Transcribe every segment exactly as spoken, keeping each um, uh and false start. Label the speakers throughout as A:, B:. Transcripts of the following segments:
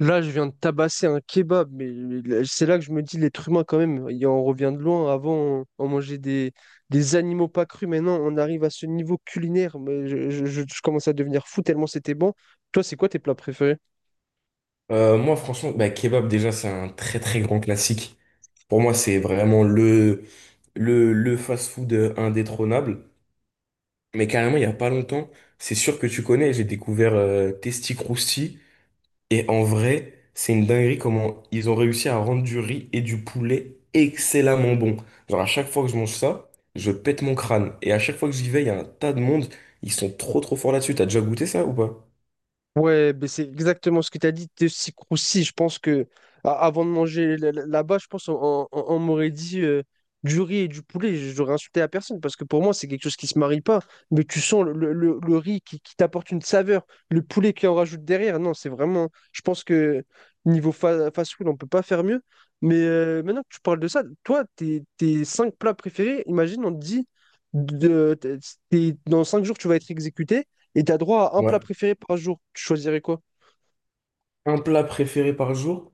A: Là, je viens de tabasser un kebab, mais mais là- c'est là que je me dis, l'être humain, quand même, il en revient de loin. Avant, on, on mangeait des, des animaux pas crus. Maintenant, on arrive à ce niveau culinaire. Mais je, je- je- je commence à devenir fou tellement c'était bon. Toi, c'est quoi tes plats préférés?
B: Euh, moi, franchement, bah, kebab, déjà, c'est un très très grand classique. Pour moi, c'est vraiment le, le, le fast-food euh, indétrônable. Mais carrément, il n'y a pas longtemps, c'est sûr que tu connais, j'ai découvert euh, Testi Crousti. Et en vrai, c'est une dinguerie comment ils ont réussi à rendre du riz et du poulet excellemment bon. Genre, à chaque fois que je mange ça, je pète mon crâne. Et à chaque fois que j'y vais, il y a un tas de monde. Ils sont trop trop forts là-dessus. T'as déjà goûté ça ou pas?
A: Ouais, ben c'est exactement ce que tu as dit, Tessi-Croussi. Je pense que a- avant de manger la- la- là-bas, je pense on, on- on m'aurait dit euh, du riz et du poulet. J'aurais insulté la personne parce que pour moi, c'est quelque chose qui se marie pas. Mais tu sens le, le- le- le riz qui, qui t'apporte une saveur, le poulet qui en rajoute derrière. Non, c'est vraiment. Je pense que niveau fa- fast-food, on peut pas faire mieux. Mais euh, maintenant que tu parles de ça, toi, tes, tes cinq plats préférés, imagine, on te dit de, t'es- t'es- dans cinq jours, tu vas être exécuté. Et t'as droit à un
B: Ouais.
A: plat préféré par jour. Tu choisirais quoi?
B: Un plat préféré par jour?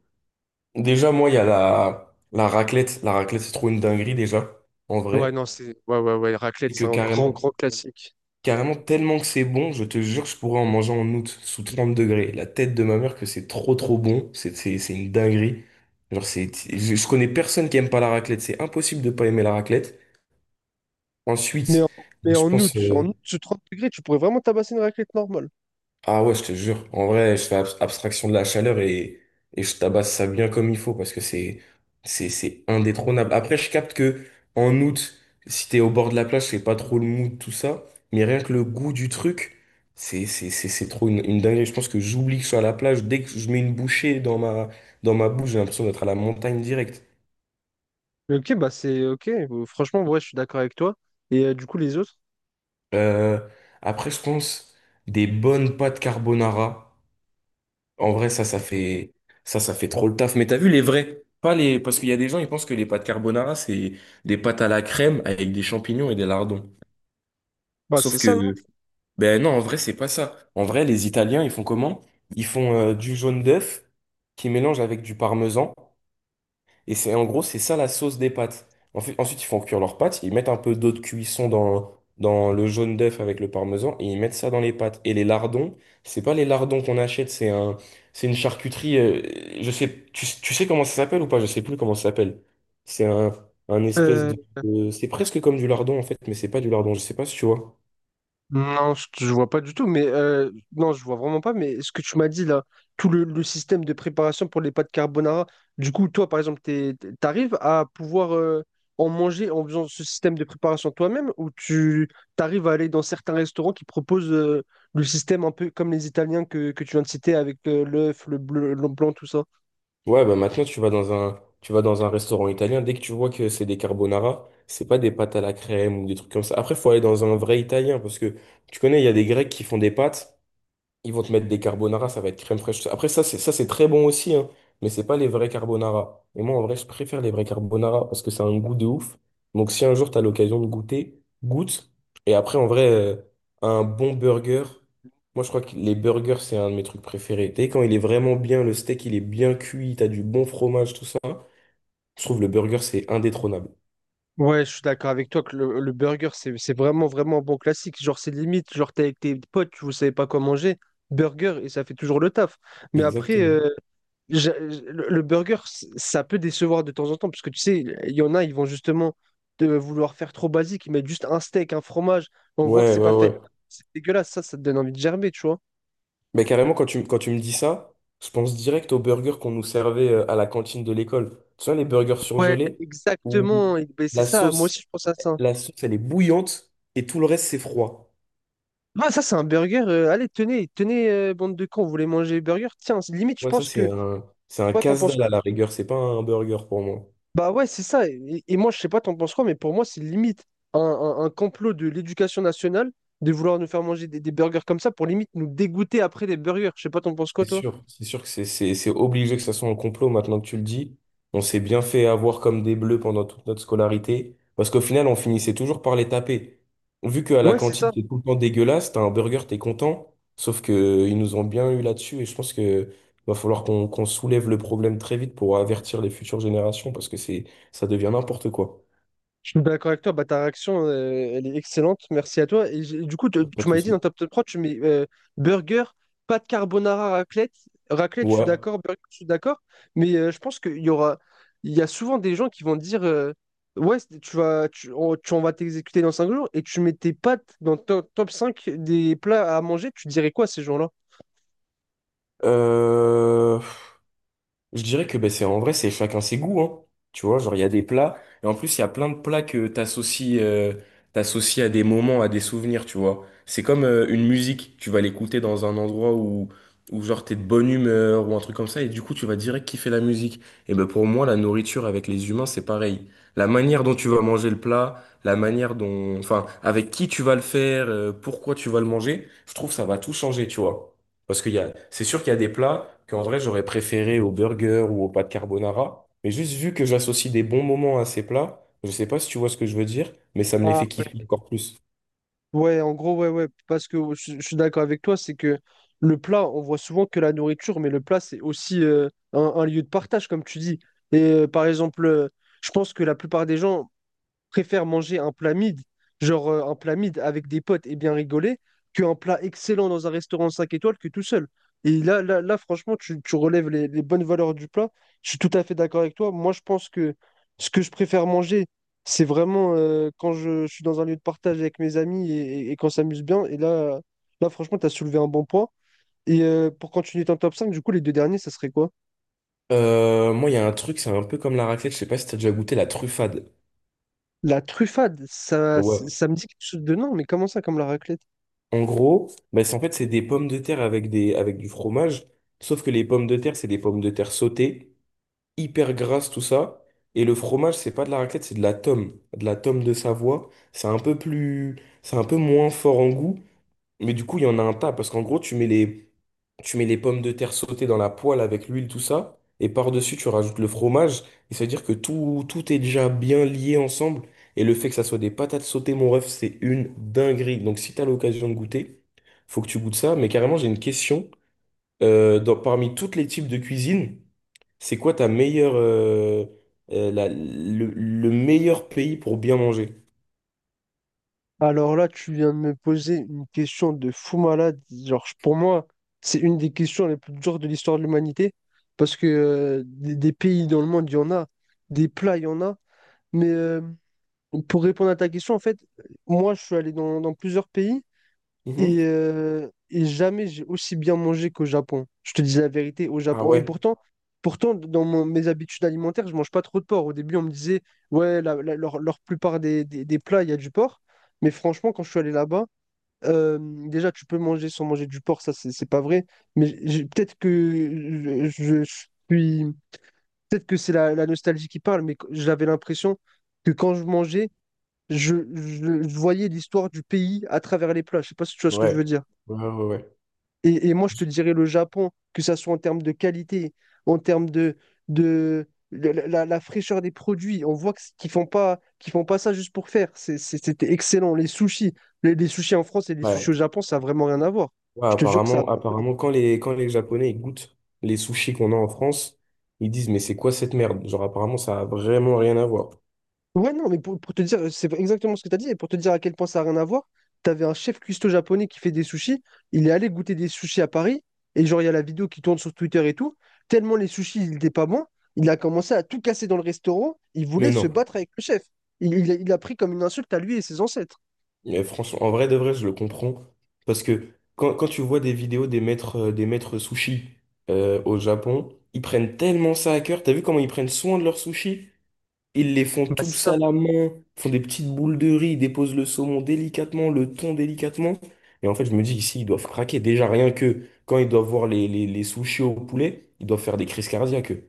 B: Déjà, moi, il y a la, la raclette. La raclette, c'est trop une dinguerie, déjà, en
A: Ouais,
B: vrai.
A: non, c'est. Ouais, ouais, ouais. Raclette,
B: Et que
A: c'est un grand,
B: carrément,
A: grand classique.
B: carrément, tellement que c'est bon, je te jure, je pourrais en manger en août, sous trente degrés. La tête de ma mère que c'est trop, trop bon. C'est c'est- c'est une dinguerie. Genre, c'est, je, je connais personne qui aime pas la raclette. C'est impossible de pas aimer la raclette.
A: Mais
B: Ensuite,
A: en, mais
B: je
A: en août,
B: pense. euh,
A: en août, sous trente degrés, tu pourrais vraiment tabasser une raclette normale.
B: Ah ouais, je te jure. En vrai, je fais abs- abstraction de la chaleur et, et je tabasse ça bien comme il faut parce que c'est, c'est, c'est indétrônable. Après, je capte que en août, si t'es au bord de la plage, c'est pas trop le mood, tout ça. Mais rien que le goût du truc, c'est, c'est, c'est, c'est trop une, une dinguerie. Je pense que j'oublie que je suis à la plage. Dès que je mets une bouchée dans ma, dans ma bouche, j'ai l'impression d'être à la montagne directe.
A: Ok, bah c'est ok. Euh, Franchement, ouais, je suis d'accord avec toi. Et euh, du coup, les autres?
B: Euh, Après, je pense des bonnes pâtes carbonara. En vrai, ça, ça fait, ça, ça fait trop le taf. Mais t'as vu les vrais? Pas les, parce qu'il y a des gens, ils pensent que les pâtes carbonara, c'est des pâtes à la crème avec des champignons et des lardons.
A: Bah c'est
B: Sauf
A: ça, non?
B: que, ben non, en vrai, c'est pas ça. En vrai, les Italiens, ils font comment? Ils font euh, du jaune d'œuf qui mélange avec du parmesan. Et c'est en gros, c'est ça la sauce des pâtes. En fait- ensuite, ils font cuire leurs pâtes, ils mettent un peu d'eau de cuisson dans, dans le jaune d'œuf avec le parmesan et ils mettent ça dans les pâtes. Et les lardons, c'est pas les lardons qu'on achète, c'est un, c'est une charcuterie. Euh, je sais, tu, tu sais comment ça s'appelle ou pas? Je sais plus comment ça s'appelle. C'est un, un espèce
A: Euh,
B: de, de- c'est presque comme du lardon en fait, mais c'est pas du lardon. Je sais pas si tu vois.
A: Non, je je vois pas du tout, mais euh, non, je vois vraiment pas. Mais ce que tu m'as dit là, tout le, le système de préparation pour les pâtes carbonara, du coup, toi, par exemple, t'es- t'es- t'arrives à pouvoir euh, en manger en faisant ce système de préparation toi-même, ou tu t'arrives à aller dans certains restaurants qui proposent euh, le système un peu comme les Italiens que, que tu viens de citer avec euh, l'œuf, le bleu, le blanc, tout ça?
B: Ouais, bah maintenant tu vas dans un tu vas dans un restaurant italien, dès que tu vois que c'est des carbonara, c'est pas des pâtes à la crème ou des trucs comme ça. Après, faut aller dans un vrai italien parce que tu connais, il y a des Grecs qui font des pâtes. Ils vont te mettre des carbonara, ça va être crème fraîche. Après, ça, c'est ça, c'est très bon aussi, hein, mais c'est pas les vrais carbonara. Et moi, en vrai, je préfère les vrais carbonara parce que ça a un goût de ouf. Donc, si un jour, tu as l'occasion de goûter, goûte. Et après, en vrai, euh, un bon burger. Moi, je crois que les burgers, c'est un de mes trucs préférés. Tu sais, quand il est vraiment bien, le steak, il est bien cuit, t'as du bon fromage, tout ça. Je trouve le burger, c'est indétrônable.
A: Ouais, je suis d'accord avec toi que le, le burger, c'est, c'est vraiment, vraiment un bon classique. Genre, c'est limite, genre, t'es avec tes potes, vous savez pas quoi manger, burger, et ça fait toujours le taf. Mais après,
B: Exactement.
A: euh, j'a- le, le burger, c- ça peut décevoir de temps en temps, parce que tu sais, il y en a, ils vont justement de vouloir faire trop basique, ils mettent juste un steak, un fromage, on voit que
B: Ouais,
A: c'est pas
B: ouais,
A: fait.
B: ouais.
A: C'est dégueulasse, ça, ça te donne envie de gerber, tu vois.
B: Mais carrément, quand tu, quand tu me dis ça, je pense direct aux burgers qu'on nous servait euh, à la cantine de l'école. Tu vois, les burgers
A: Ouais,
B: surgelés où
A: exactement, et- ben, c'est
B: la
A: ça, moi
B: sauce,
A: aussi, je pense à ça.
B: la sauce, elle est bouillante et tout le reste, c'est froid.
A: Ah, ça, c'est un burger. Euh, allez, tenez, tenez, euh, bande de cons, vous voulez manger burger? Tiens, limite, je
B: Ouais, ça,
A: pense
B: c'est
A: que.
B: un, c'est un
A: Toi, t'en penses
B: casse-dalle
A: quoi?
B: à la rigueur. C'est pas un burger pour moi.
A: Bah ouais, c'est ça. Et, et moi, je sais pas, t'en penses quoi, mais pour moi, c'est limite un, un- un complot de l'éducation nationale de vouloir nous faire manger des, des burgers comme ça pour limite nous dégoûter après des burgers. Je sais pas, t'en penses quoi,
B: C'est
A: toi?
B: sûr, c'est sûr que c'est c'est- c'est obligé que ça soit un complot maintenant que tu le dis. On s'est bien fait avoir comme des bleus pendant toute notre scolarité, parce qu'au final, on finissait toujours par les taper. Vu qu'à la
A: Ouais, c'est
B: cantine,
A: ça.
B: c'est tout le temps dégueulasse, t'as un burger, t'es content, sauf que ils nous ont bien eu là-dessus, et je pense que va falloir qu'on qu'on soulève le problème très vite pour avertir les futures générations, parce que c'est ça devient n'importe quoi.
A: Je suis d'accord avec toi, bah, ta réaction, euh, elle est excellente, merci à toi. Et j'ai- du coup, tu
B: Pas
A: tu
B: de
A: m'avais dit dans
B: souci.
A: Top Top trois, tu mets euh, burger, pâte carbonara, raclette. Raclette, je suis
B: Ouais.
A: d'accord, burger, je suis d'accord. Mais euh, je pense qu'il y aura, il y a souvent des gens qui vont dire, euh, ouais, c'est- tu vas, tu, on, tu- on va t'exécuter dans cinq jours, et tu mets tes pâtes dans top, top cinq des plats à manger, tu dirais quoi à ces gens-là?
B: Euh, Je dirais que ben, c'est en vrai, c'est chacun ses goûts, hein. Tu vois, genre il y a des plats, et en plus il y a plein de plats que t'associes euh, t'associes à des moments, à des souvenirs, tu vois. C'est comme euh, une musique, tu vas l'écouter dans un endroit où, où genre t'es de bonne humeur ou un truc comme ça, et du coup tu vas direct kiffer la musique. Et ben pour moi, la nourriture avec les humains, c'est pareil. La manière dont tu vas manger le plat, la manière dont, enfin, avec qui tu vas le faire, euh, pourquoi tu vas le manger, je trouve que ça va tout changer, tu vois. Parce qu'il y a, c'est sûr qu'il y a des plats qu'en vrai j'aurais préféré au burger ou au pâte carbonara, mais juste vu que j'associe des bons moments à ces plats, je sais pas si tu vois ce que je veux dire, mais ça me les
A: Ah,
B: fait kiffer encore plus.
A: ouais, en gros, ouais, ouais, parce que je, je suis d'accord avec toi, c'est que le plat, on voit souvent que la nourriture, mais le plat, c'est aussi euh, un, un lieu de partage, comme tu dis. Et euh, par exemple, euh, je pense que la plupart des gens, préfère manger un plat mid, genre euh, un plat mid avec des potes et bien rigoler, qu'un plat excellent dans un restaurant cinq étoiles que tout seul. Et là, là, là franchement, tu, tu relèves les, les bonnes valeurs du plat. Je suis tout à fait d'accord avec toi. Moi, je pense que ce que je préfère manger, c'est vraiment euh, quand je, je suis dans un lieu de partage avec mes amis et, et- et qu'on s'amuse bien. Et là, là franchement, tu as soulevé un bon point. Et euh, pour continuer ton top cinq, du coup, les deux derniers, ça serait quoi?
B: Euh, moi, il y a un truc, c'est un peu comme la raclette, je sais pas si t'as déjà goûté la truffade.
A: La truffade, ça,
B: Ouais.
A: ça me dit quelque chose de non, mais comment ça, comme la raclette?
B: En gros, bah, c'est en fait c'est des pommes de terre avec des avec du fromage, sauf que les pommes de terre c'est des pommes de terre sautées, hyper grasses tout ça, et le fromage c'est pas de la raclette, c'est de la tome, de la tome de Savoie. C'est un peu plus, c'est un peu moins fort en goût. Mais du coup, il y en a un tas, parce qu'en gros, tu mets les, tu mets les pommes de terre sautées dans la poêle avec l'huile, tout ça, et par-dessus, tu rajoutes le fromage, et ça veut dire que tout, tout est déjà bien lié ensemble, et le fait que ça soit des patates sautées, mon ref, c'est une dinguerie. Donc si t'as l'occasion de goûter, faut que tu goûtes ça, mais carrément, j'ai une question. Euh, dans- parmi tous les types de cuisine, c'est quoi ta meilleure, euh, euh, la- le, le meilleur pays pour bien manger?
A: Alors là, tu viens de me poser une question de fou malade. Genre, je- pour moi, c'est une des questions les plus dures de l'histoire de l'humanité. Parce que euh, des, des pays dans le monde, il y en a. Des plats, il y en a. Mais euh, pour répondre à ta question, en fait, moi, je suis allé dans, dans plusieurs pays. Et,
B: Mhm.
A: euh, et jamais j'ai aussi bien mangé qu'au Japon. Je te dis la vérité, au
B: Ah
A: Japon. Et
B: ouais,
A: pourtant, pourtant dans mon- mes habitudes alimentaires, je mange pas trop de porc. Au début, on me disait, ouais, la, la- leur, leur plupart des, des- des plats, il y a du porc. Mais franchement, quand je suis allé là-bas, euh, déjà, tu peux manger sans manger du porc, ça, c'est c'est pas vrai. Mais j'ai- j'ai- peut-être que je, je- je suis. Peut-être que c'est la, la nostalgie qui parle, mais j'avais l'impression que quand je mangeais, je, je je voyais l'histoire du pays à travers les plats. Je sais pas si tu vois ce que je
B: ouais,
A: veux dire.
B: ouais, ouais, ouais.
A: Et, et moi, je te dirais le Japon, que ça soit en termes de qualité, en termes de, de la, la- la fraîcheur des produits. On voit que- qu'ils font pas, qu'ils font pas ça juste pour faire. C'est- c'est- C'était excellent. Les sushis, les, les sushis en France et les
B: Ouais.
A: sushis au Japon, ça n'a vraiment rien à voir.
B: Ouais,
A: Je te jure que ça.
B: apparemment, apparemment, quand les, quand les Japonais ils goûtent les sushis qu'on a en France, ils disent, mais c'est quoi cette merde? Genre, apparemment, ça a vraiment rien à voir.
A: Ouais, non, mais pour, pour te dire, c'est exactement ce que tu as dit, et pour te dire à quel point ça n'a rien à voir, tu avais un chef cuistot japonais qui fait des sushis, il est allé goûter des sushis à Paris, et genre, il y a la vidéo qui tourne sur Twitter et tout, tellement les sushis, ils n'étaient pas bons, il a commencé à tout casser dans le restaurant, il
B: Mais
A: voulait se
B: non.
A: battre avec le chef. Il, il a il a pris comme une insulte à lui et ses ancêtres.
B: Mais franchement, en vrai de vrai, je le comprends. Parce que quand, quand tu vois des vidéos des maîtres, euh, des maîtres sushis euh, au Japon, ils prennent tellement ça à cœur. T'as vu comment ils prennent soin de leurs sushis? Ils les font
A: Bah, c'est
B: tous
A: ça.
B: à la main, font des petites boules de riz, ils déposent le saumon délicatement, le thon délicatement. Et en fait, je me dis ici, ils doivent craquer. Déjà, rien que quand ils doivent voir les, les, les sushis au poulet, ils doivent faire des crises cardiaques. Eux.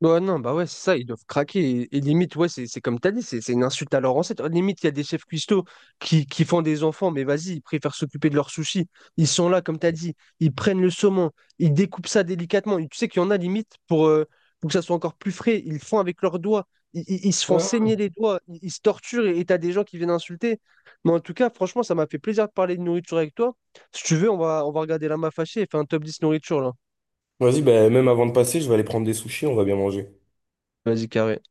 A: Ouais, non, bah ouais, c'est ça, ils doivent craquer. Et, et limite, ouais, c'est c'est comme t'as dit, c'est c'est une insulte à leur ancêtre. Limite, il y a des chefs cuistots qui, qui font des enfants, mais vas-y, ils préfèrent s'occuper de leurs sushis. Ils sont là, comme t'as dit, ils prennent le saumon, ils découpent ça délicatement. Et tu sais qu'il y en a limite pour, euh, pour que ça soit encore plus frais, ils le font avec leurs doigts, ils, ils- ils se font
B: Ouais.
A: saigner les doigts, ils, ils se torturent et et t'as des gens qui viennent insulter. Mais en tout cas, franchement, ça m'a fait plaisir de parler de nourriture avec toi. Si tu veux, on va, on va regarder la main fâchée et faire un top dix nourriture là.
B: Vas-y, bah, même avant de passer, je vais aller prendre des sushis, on va bien manger.
A: Vas-y, carré.